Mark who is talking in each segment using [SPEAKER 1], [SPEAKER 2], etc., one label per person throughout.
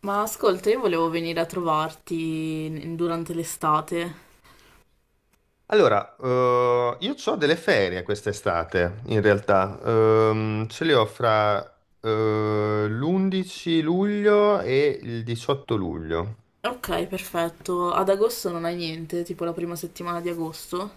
[SPEAKER 1] Ma ascolta, io volevo venire a trovarti durante l'estate.
[SPEAKER 2] Allora, io ho delle ferie quest'estate, in realtà. Ce le ho fra l'11 luglio e il 18 luglio.
[SPEAKER 1] Ok, perfetto. Ad agosto non hai niente, tipo la prima settimana di agosto.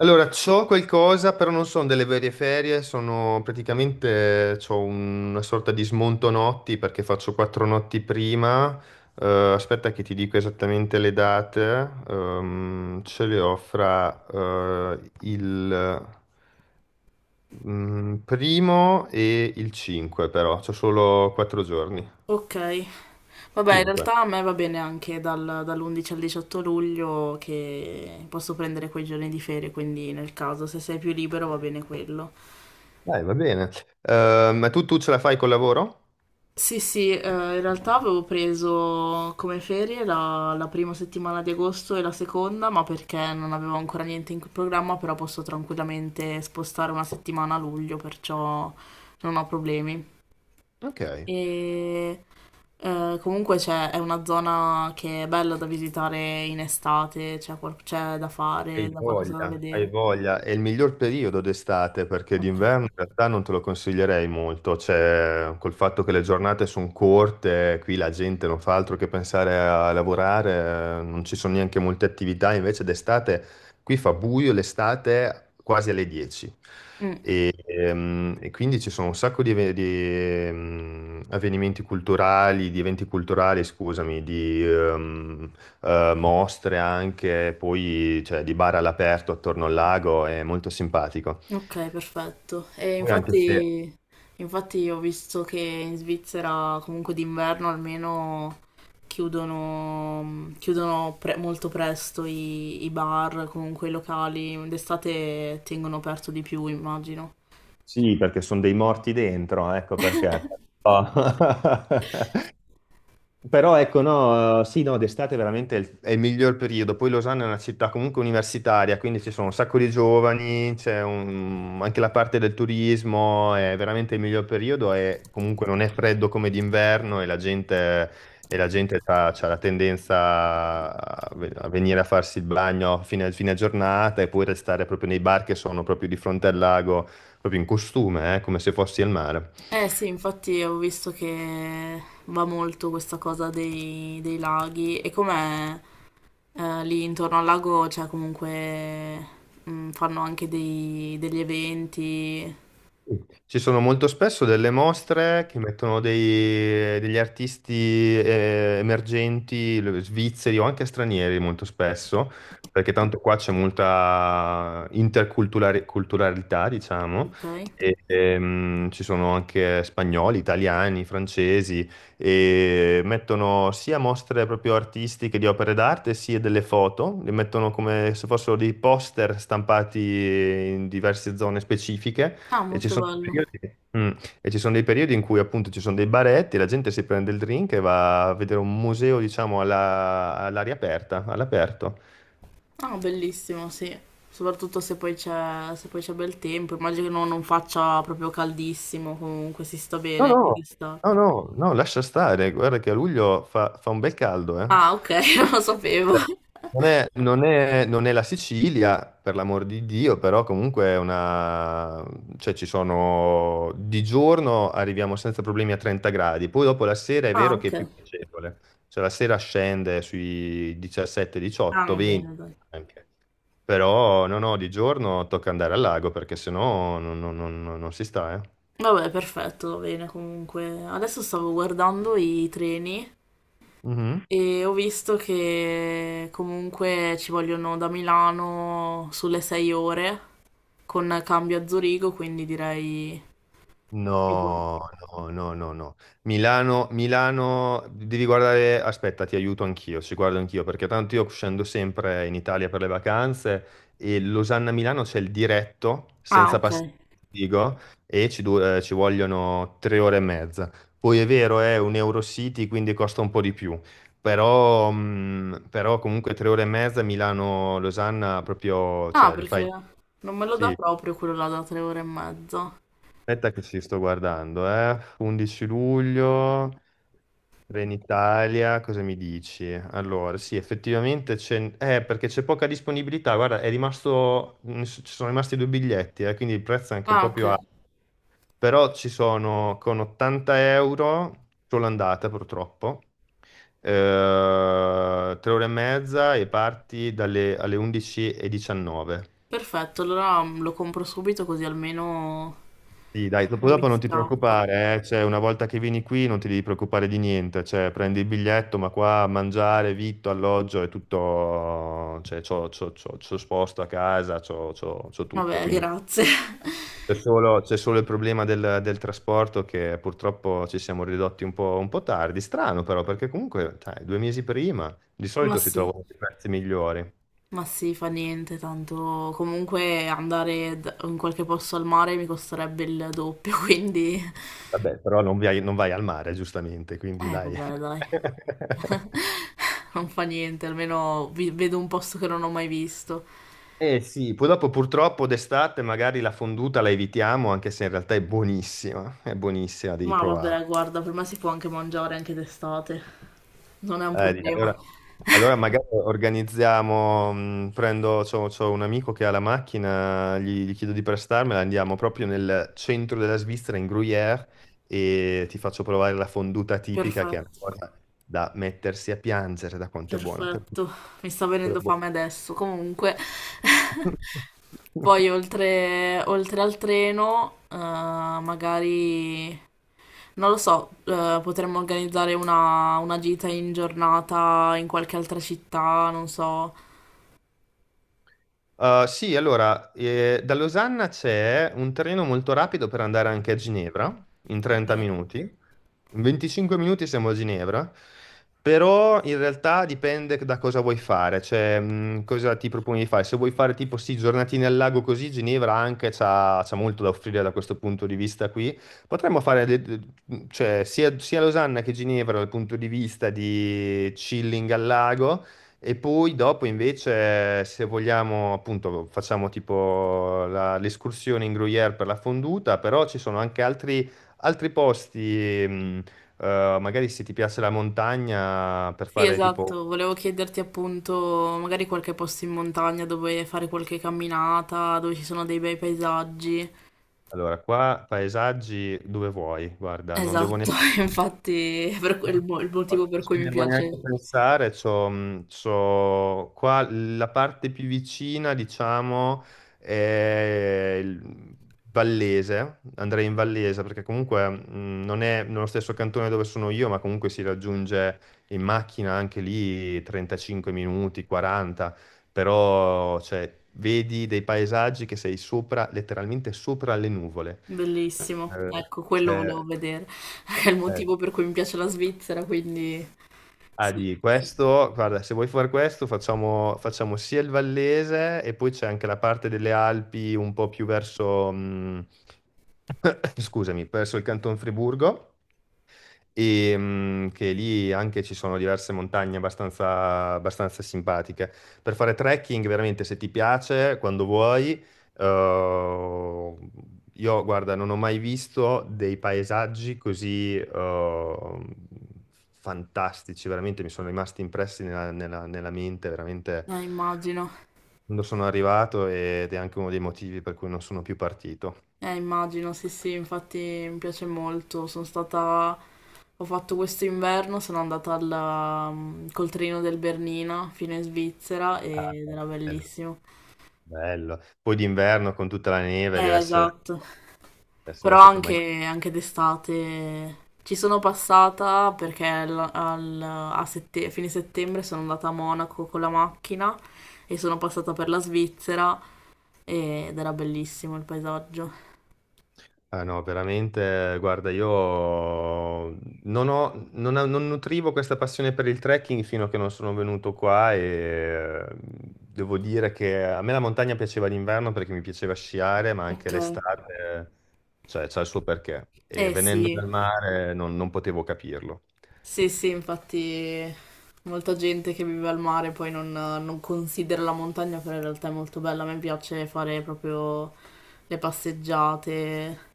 [SPEAKER 2] Allora, c'ho qualcosa, però non sono delle vere ferie, sono praticamente, c'ho una sorta di smonto notti perché faccio 4 notti prima. Eh, Aspetta che ti dico esattamente le date. Ce le ho fra il primo e il 5 però, c'ho solo 4 giorni.
[SPEAKER 1] Ok. Vabbè, in
[SPEAKER 2] 5.
[SPEAKER 1] realtà a me va bene anche dall'11 al 18 luglio, che posso prendere quei giorni di ferie, quindi nel caso se sei più libero va bene quello.
[SPEAKER 2] Dai, va bene. Ma tu ce la fai col lavoro?
[SPEAKER 1] Sì, sì, in realtà avevo preso come ferie la prima settimana di agosto e la seconda, ma perché non avevo ancora niente in programma, però posso tranquillamente spostare una settimana a luglio, perciò non ho problemi.
[SPEAKER 2] Ok.
[SPEAKER 1] E comunque c'è, è una zona che è bella da visitare in estate, c'è c'è da
[SPEAKER 2] Hai
[SPEAKER 1] fare, da qualcosa da
[SPEAKER 2] voglia, hai
[SPEAKER 1] vedere.
[SPEAKER 2] voglia. È il miglior periodo d'estate perché
[SPEAKER 1] Ok.
[SPEAKER 2] d'inverno in realtà non te lo consiglierei molto. Cioè, col fatto che le giornate sono corte, qui la gente non fa altro che pensare a lavorare, non ci sono neanche molte attività, invece d'estate. Qui fa buio l'estate quasi alle 10
[SPEAKER 1] Mm.
[SPEAKER 2] e quindi ci sono un sacco di avvenimenti culturali, di eventi culturali, scusami, di mostre anche, poi cioè, di bar all'aperto attorno al lago, è molto simpatico.
[SPEAKER 1] Ok, perfetto. E
[SPEAKER 2] Poi anche se.
[SPEAKER 1] infatti, infatti ho visto che in Svizzera comunque d'inverno almeno chiudono, chiudono molto presto i bar, comunque i locali. D'estate tengono aperto di più, immagino.
[SPEAKER 2] Sì, perché sono dei morti dentro, ecco perché. Però- Però ecco, no, sì, no, d'estate veramente è il miglior periodo. Poi Losanna è una città comunque universitaria, quindi ci sono un sacco di giovani, anche la parte del turismo, è veramente il miglior periodo e comunque non è freddo come d'inverno e la gente ha la tendenza a a venire a farsi il bagno a fine giornata e poi restare proprio nei bar che sono proprio di fronte al lago, proprio in costume, come se fossi al mare.
[SPEAKER 1] Eh sì, infatti ho visto che va molto questa cosa dei laghi e com'è, lì intorno al lago c'è comunque, mm, fanno anche degli eventi,
[SPEAKER 2] Sì. Ci sono molto spesso delle mostre che mettono degli artisti emergenti, svizzeri o anche stranieri molto spesso, perché tanto qua c'è molta interculturalità, diciamo,
[SPEAKER 1] ok?
[SPEAKER 2] e, ci sono anche spagnoli, italiani, francesi, e mettono sia mostre proprio artistiche di opere d'arte, sia delle foto, le mettono come se fossero dei poster stampati in diverse zone specifiche
[SPEAKER 1] Ah,
[SPEAKER 2] e ci
[SPEAKER 1] molto
[SPEAKER 2] sono dei
[SPEAKER 1] bello.
[SPEAKER 2] periodi, mm, e ci sono dei periodi in cui appunto ci sono dei baretti, la gente si prende il drink e va a vedere un museo, diciamo, all'aria aperta, all'aperto.
[SPEAKER 1] Ah, bellissimo, sì. Soprattutto se poi c'è bel tempo. Immagino che non, non faccia proprio caldissimo, comunque si sta
[SPEAKER 2] No,
[SPEAKER 1] bene
[SPEAKER 2] no,
[SPEAKER 1] anche
[SPEAKER 2] no,
[SPEAKER 1] d'estate.
[SPEAKER 2] no, no, lascia stare, guarda che a luglio fa un bel caldo, eh.
[SPEAKER 1] Ah, ok, non lo sapevo.
[SPEAKER 2] Cioè, non è la Sicilia, per l'amor di Dio, però comunque è una. Di giorno arriviamo senza problemi a 30 gradi, poi dopo la sera è
[SPEAKER 1] Ah,
[SPEAKER 2] vero che è
[SPEAKER 1] ok.
[SPEAKER 2] più piacevole, cioè la sera scende sui 17, 18,
[SPEAKER 1] Ah,
[SPEAKER 2] 20
[SPEAKER 1] bene, dai.
[SPEAKER 2] anche, però no, no, di giorno tocca andare al lago perché sennò non si sta, eh.
[SPEAKER 1] Vabbè, perfetto, va bene comunque. Adesso stavo guardando i treni
[SPEAKER 2] Mhm.
[SPEAKER 1] e ho visto che comunque ci vogliono da Milano sulle 6 ore con cambio a Zurigo, quindi direi...
[SPEAKER 2] No, no, no, no, no. Milano, Milano, devi guardare, aspetta, ti aiuto anch'io, ci guardo anch'io, perché tanto io scendo sempre in Italia per le vacanze e Losanna-Milano c'è il diretto
[SPEAKER 1] Ah,
[SPEAKER 2] senza
[SPEAKER 1] ok.
[SPEAKER 2] passare il Vigo e ci vogliono 3 ore e mezza. Poi è vero, è un Eurocity, quindi costa un po' di più, però comunque 3 ore e mezza Milano-Losanna proprio,
[SPEAKER 1] Ah,
[SPEAKER 2] cioè, li
[SPEAKER 1] perché
[SPEAKER 2] fai.
[SPEAKER 1] non me lo dà
[SPEAKER 2] Sì,
[SPEAKER 1] proprio quello là da 3 ore e mezza.
[SPEAKER 2] aspetta che ci sto guardando, eh. 11 luglio, Trenitalia, cosa mi dici? Allora, sì, effettivamente c'è. Perché c'è poca disponibilità. Guarda, ci sono rimasti due biglietti, quindi il prezzo è anche un
[SPEAKER 1] Ah,
[SPEAKER 2] po' più
[SPEAKER 1] ok,
[SPEAKER 2] alto. Però ci sono con 80 euro, solo andata purtroppo, 3 ore e mezza e parti dalle alle 11:19.
[SPEAKER 1] perfetto, allora lo compro subito così almeno
[SPEAKER 2] Sì, dai, dopo
[SPEAKER 1] non mi
[SPEAKER 2] dopo non ti
[SPEAKER 1] scappa.
[SPEAKER 2] preoccupare, cioè, una volta che vieni qui non ti devi preoccupare di niente, cioè, prendi il biglietto, ma qua mangiare, vitto, alloggio è tutto, cioè, c'ho sposto a casa, c'ho tutto,
[SPEAKER 1] Vabbè,
[SPEAKER 2] quindi
[SPEAKER 1] grazie.
[SPEAKER 2] c'è solo il problema del trasporto che purtroppo ci siamo ridotti un po' tardi, strano però, perché comunque, dai, 2 mesi prima di
[SPEAKER 1] Ma
[SPEAKER 2] solito si
[SPEAKER 1] sì,
[SPEAKER 2] trovano dei prezzi migliori,
[SPEAKER 1] ma sì, fa niente, tanto comunque andare in qualche posto al mare mi costerebbe il doppio, quindi...
[SPEAKER 2] vabbè, però non vai al mare, giustamente, quindi dai.
[SPEAKER 1] Vabbè, dai. Non fa niente, almeno vedo un posto che non ho mai visto.
[SPEAKER 2] Eh sì, poi dopo purtroppo d'estate magari la fonduta la evitiamo, anche se in realtà è buonissima, devi
[SPEAKER 1] Ma
[SPEAKER 2] provare.
[SPEAKER 1] vabbè, guarda, per me si può anche mangiare anche d'estate. Non è un problema.
[SPEAKER 2] Allora, magari organizziamo, prendo, c'ho un amico che ha la macchina, gli chiedo di prestarmela, andiamo proprio nel centro della Svizzera, in Gruyère, e ti faccio provare la fonduta tipica, che è
[SPEAKER 1] Perfetto,
[SPEAKER 2] una cosa da mettersi a piangere, da quanto è buona.
[SPEAKER 1] perfetto. Mi sta venendo
[SPEAKER 2] Te
[SPEAKER 1] fame adesso. Comunque,
[SPEAKER 2] lo-
[SPEAKER 1] poi oltre, oltre al treno, magari, non lo so, potremmo organizzare una gita in giornata in qualche altra città, non so.
[SPEAKER 2] Sì, allora, da Losanna c'è un treno molto rapido per andare anche a Ginevra, in 30
[SPEAKER 1] Ok.
[SPEAKER 2] minuti. In 25 minuti siamo a Ginevra, però in realtà dipende da cosa vuoi fare, cioè cosa ti proponi di fare. Se vuoi fare tipo sì, giornatine al lago così, Ginevra anche c'ha molto da offrire da questo punto di vista qui. Potremmo fare cioè, sia Losanna che Ginevra dal punto di vista di chilling al lago. E poi dopo invece, se vogliamo, appunto, facciamo tipo l'escursione in Gruyère per la fonduta, però ci sono anche altri posti, mh, magari se ti piace la montagna, per
[SPEAKER 1] Sì,
[SPEAKER 2] fare tipo,
[SPEAKER 1] esatto. Volevo chiederti appunto, magari qualche posto in montagna dove fare qualche camminata, dove ci sono dei bei paesaggi.
[SPEAKER 2] allora, qua paesaggi dove vuoi, guarda, non devo
[SPEAKER 1] Esatto,
[SPEAKER 2] neanche.
[SPEAKER 1] infatti è per il motivo per
[SPEAKER 2] Non
[SPEAKER 1] cui
[SPEAKER 2] ci
[SPEAKER 1] mi
[SPEAKER 2] devo neanche
[SPEAKER 1] piace,
[SPEAKER 2] pensare, qua la parte più vicina, diciamo, è il Vallese, andrei in Vallese perché comunque non è nello stesso cantone dove sono io, ma comunque si raggiunge in macchina anche lì 35 minuti, 40, però cioè, vedi dei paesaggi che sei sopra, letteralmente sopra le nuvole.
[SPEAKER 1] bellissimo.
[SPEAKER 2] Eh,
[SPEAKER 1] Ecco, quello volevo
[SPEAKER 2] cioè,
[SPEAKER 1] vedere. È il
[SPEAKER 2] eh,
[SPEAKER 1] motivo per cui mi piace la Svizzera, quindi
[SPEAKER 2] ah,
[SPEAKER 1] sì,
[SPEAKER 2] di questo, guarda, se vuoi fare questo, facciamo sia il Vallese e poi c'è anche la parte delle Alpi un po' più verso, scusami, verso il Canton Friburgo e che lì anche ci sono diverse montagne abbastanza simpatiche. Per fare trekking, veramente, se ti piace, quando vuoi, eh, io, guarda, non ho mai visto dei paesaggi così fantastici, veramente mi sono rimasti impressi nella mente, veramente,
[SPEAKER 1] immagino.
[SPEAKER 2] quando sono arrivato ed è anche uno dei motivi per cui non sono più partito.
[SPEAKER 1] Immagino, sì, sì, infatti mi piace molto. Sono stata, ho fatto questo inverno, sono andata mm, col treno del Bernina fino in Svizzera
[SPEAKER 2] Ah,
[SPEAKER 1] ed era
[SPEAKER 2] bello,
[SPEAKER 1] bellissimo.
[SPEAKER 2] bello. Poi d'inverno con tutta la neve deve essere
[SPEAKER 1] Esatto.
[SPEAKER 2] deve essere
[SPEAKER 1] Però
[SPEAKER 2] stato.
[SPEAKER 1] anche, anche d'estate ci sono passata perché a, a fine settembre sono andata a Monaco con la macchina e sono passata per la Svizzera ed era bellissimo il paesaggio.
[SPEAKER 2] Ah no, veramente, guarda, io non ho, non, ho- non nutrivo questa passione per il trekking fino a che non sono venuto qua e devo dire che a me la montagna piaceva l'inverno perché mi piaceva sciare, ma anche
[SPEAKER 1] Ok.
[SPEAKER 2] l'estate, cioè, c'ha il suo perché. E
[SPEAKER 1] Eh
[SPEAKER 2] venendo
[SPEAKER 1] sì,
[SPEAKER 2] dal mare non potevo capirlo.
[SPEAKER 1] sì, sì, infatti molta gente che vive al mare poi non, non considera la montagna, però in realtà è molto bella. A me piace fare proprio le passeggiate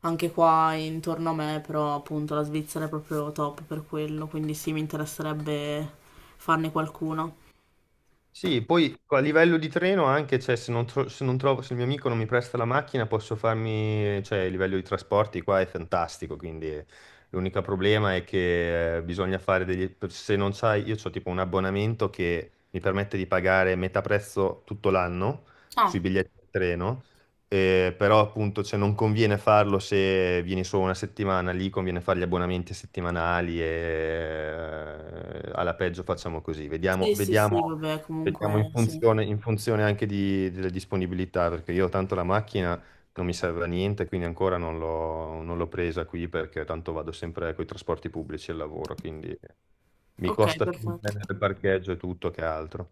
[SPEAKER 1] anche qua intorno a me, però appunto la Svizzera è proprio top per quello, quindi sì, mi interesserebbe farne qualcuno.
[SPEAKER 2] Sì, poi a livello di treno anche, cioè, se non trovo, se il mio amico non mi presta la macchina, posso farmi, cioè, il livello di trasporti qua è fantastico, quindi l'unico problema è che bisogna fare se non sai, io ho tipo un abbonamento che mi permette di pagare metà prezzo tutto l'anno sui
[SPEAKER 1] Ah,
[SPEAKER 2] biglietti di treno, però appunto, cioè, non conviene farlo se vieni solo una settimana, lì conviene fare gli abbonamenti settimanali e alla peggio facciamo così, vediamo,
[SPEAKER 1] sì, sì, sì,
[SPEAKER 2] vediamo.
[SPEAKER 1] vabbè,
[SPEAKER 2] Vediamo
[SPEAKER 1] comunque
[SPEAKER 2] in
[SPEAKER 1] sì.
[SPEAKER 2] funzione, in funzione anche delle disponibilità, perché io tanto la macchina non mi serve a niente, quindi ancora non l'ho presa qui perché tanto vado sempre con i trasporti pubblici al lavoro, quindi mi
[SPEAKER 1] Ok,
[SPEAKER 2] costa più
[SPEAKER 1] perfetto.
[SPEAKER 2] prendere il parcheggio e tutto che altro.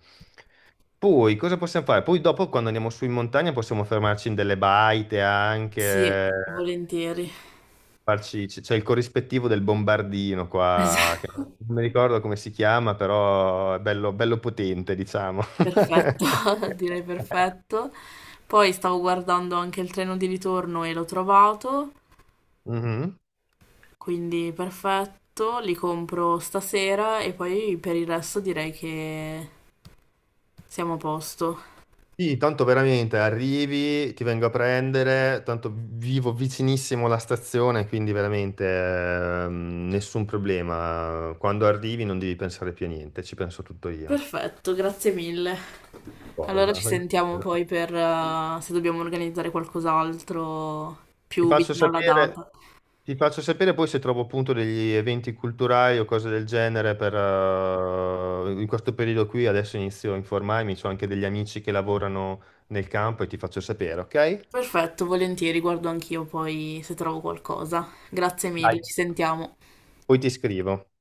[SPEAKER 2] Poi cosa possiamo fare? Poi dopo quando andiamo su in montagna possiamo fermarci in delle baite
[SPEAKER 1] Sì,
[SPEAKER 2] anche,
[SPEAKER 1] volentieri.
[SPEAKER 2] c'è il corrispettivo del bombardino qua, che
[SPEAKER 1] Esatto.
[SPEAKER 2] non mi ricordo come si chiama, però è bello, bello potente, diciamo.
[SPEAKER 1] Perfetto, direi perfetto. Poi stavo guardando anche il treno di ritorno e l'ho trovato,
[SPEAKER 2] Mhm.
[SPEAKER 1] quindi perfetto, li compro stasera e poi per il resto direi che siamo a posto.
[SPEAKER 2] Sì, tanto veramente arrivi, ti vengo a prendere, tanto vivo vicinissimo alla stazione, quindi veramente nessun problema. Quando arrivi non devi pensare più a niente, ci penso tutto io.
[SPEAKER 1] Perfetto, grazie mille. Allora ci
[SPEAKER 2] Cosa?
[SPEAKER 1] sentiamo poi per se dobbiamo organizzare qualcos'altro
[SPEAKER 2] Ti
[SPEAKER 1] più
[SPEAKER 2] faccio
[SPEAKER 1] vicino alla
[SPEAKER 2] sapere,
[SPEAKER 1] data.
[SPEAKER 2] ti faccio sapere poi se trovo appunto degli eventi culturali o cose del genere per, in questo periodo qui, adesso inizio a informarmi, ho anche degli amici che lavorano nel campo e ti faccio sapere, ok?
[SPEAKER 1] Perfetto, volentieri, guardo anch'io poi se trovo qualcosa. Grazie mille,
[SPEAKER 2] Dai,
[SPEAKER 1] ci sentiamo.
[SPEAKER 2] poi ti scrivo.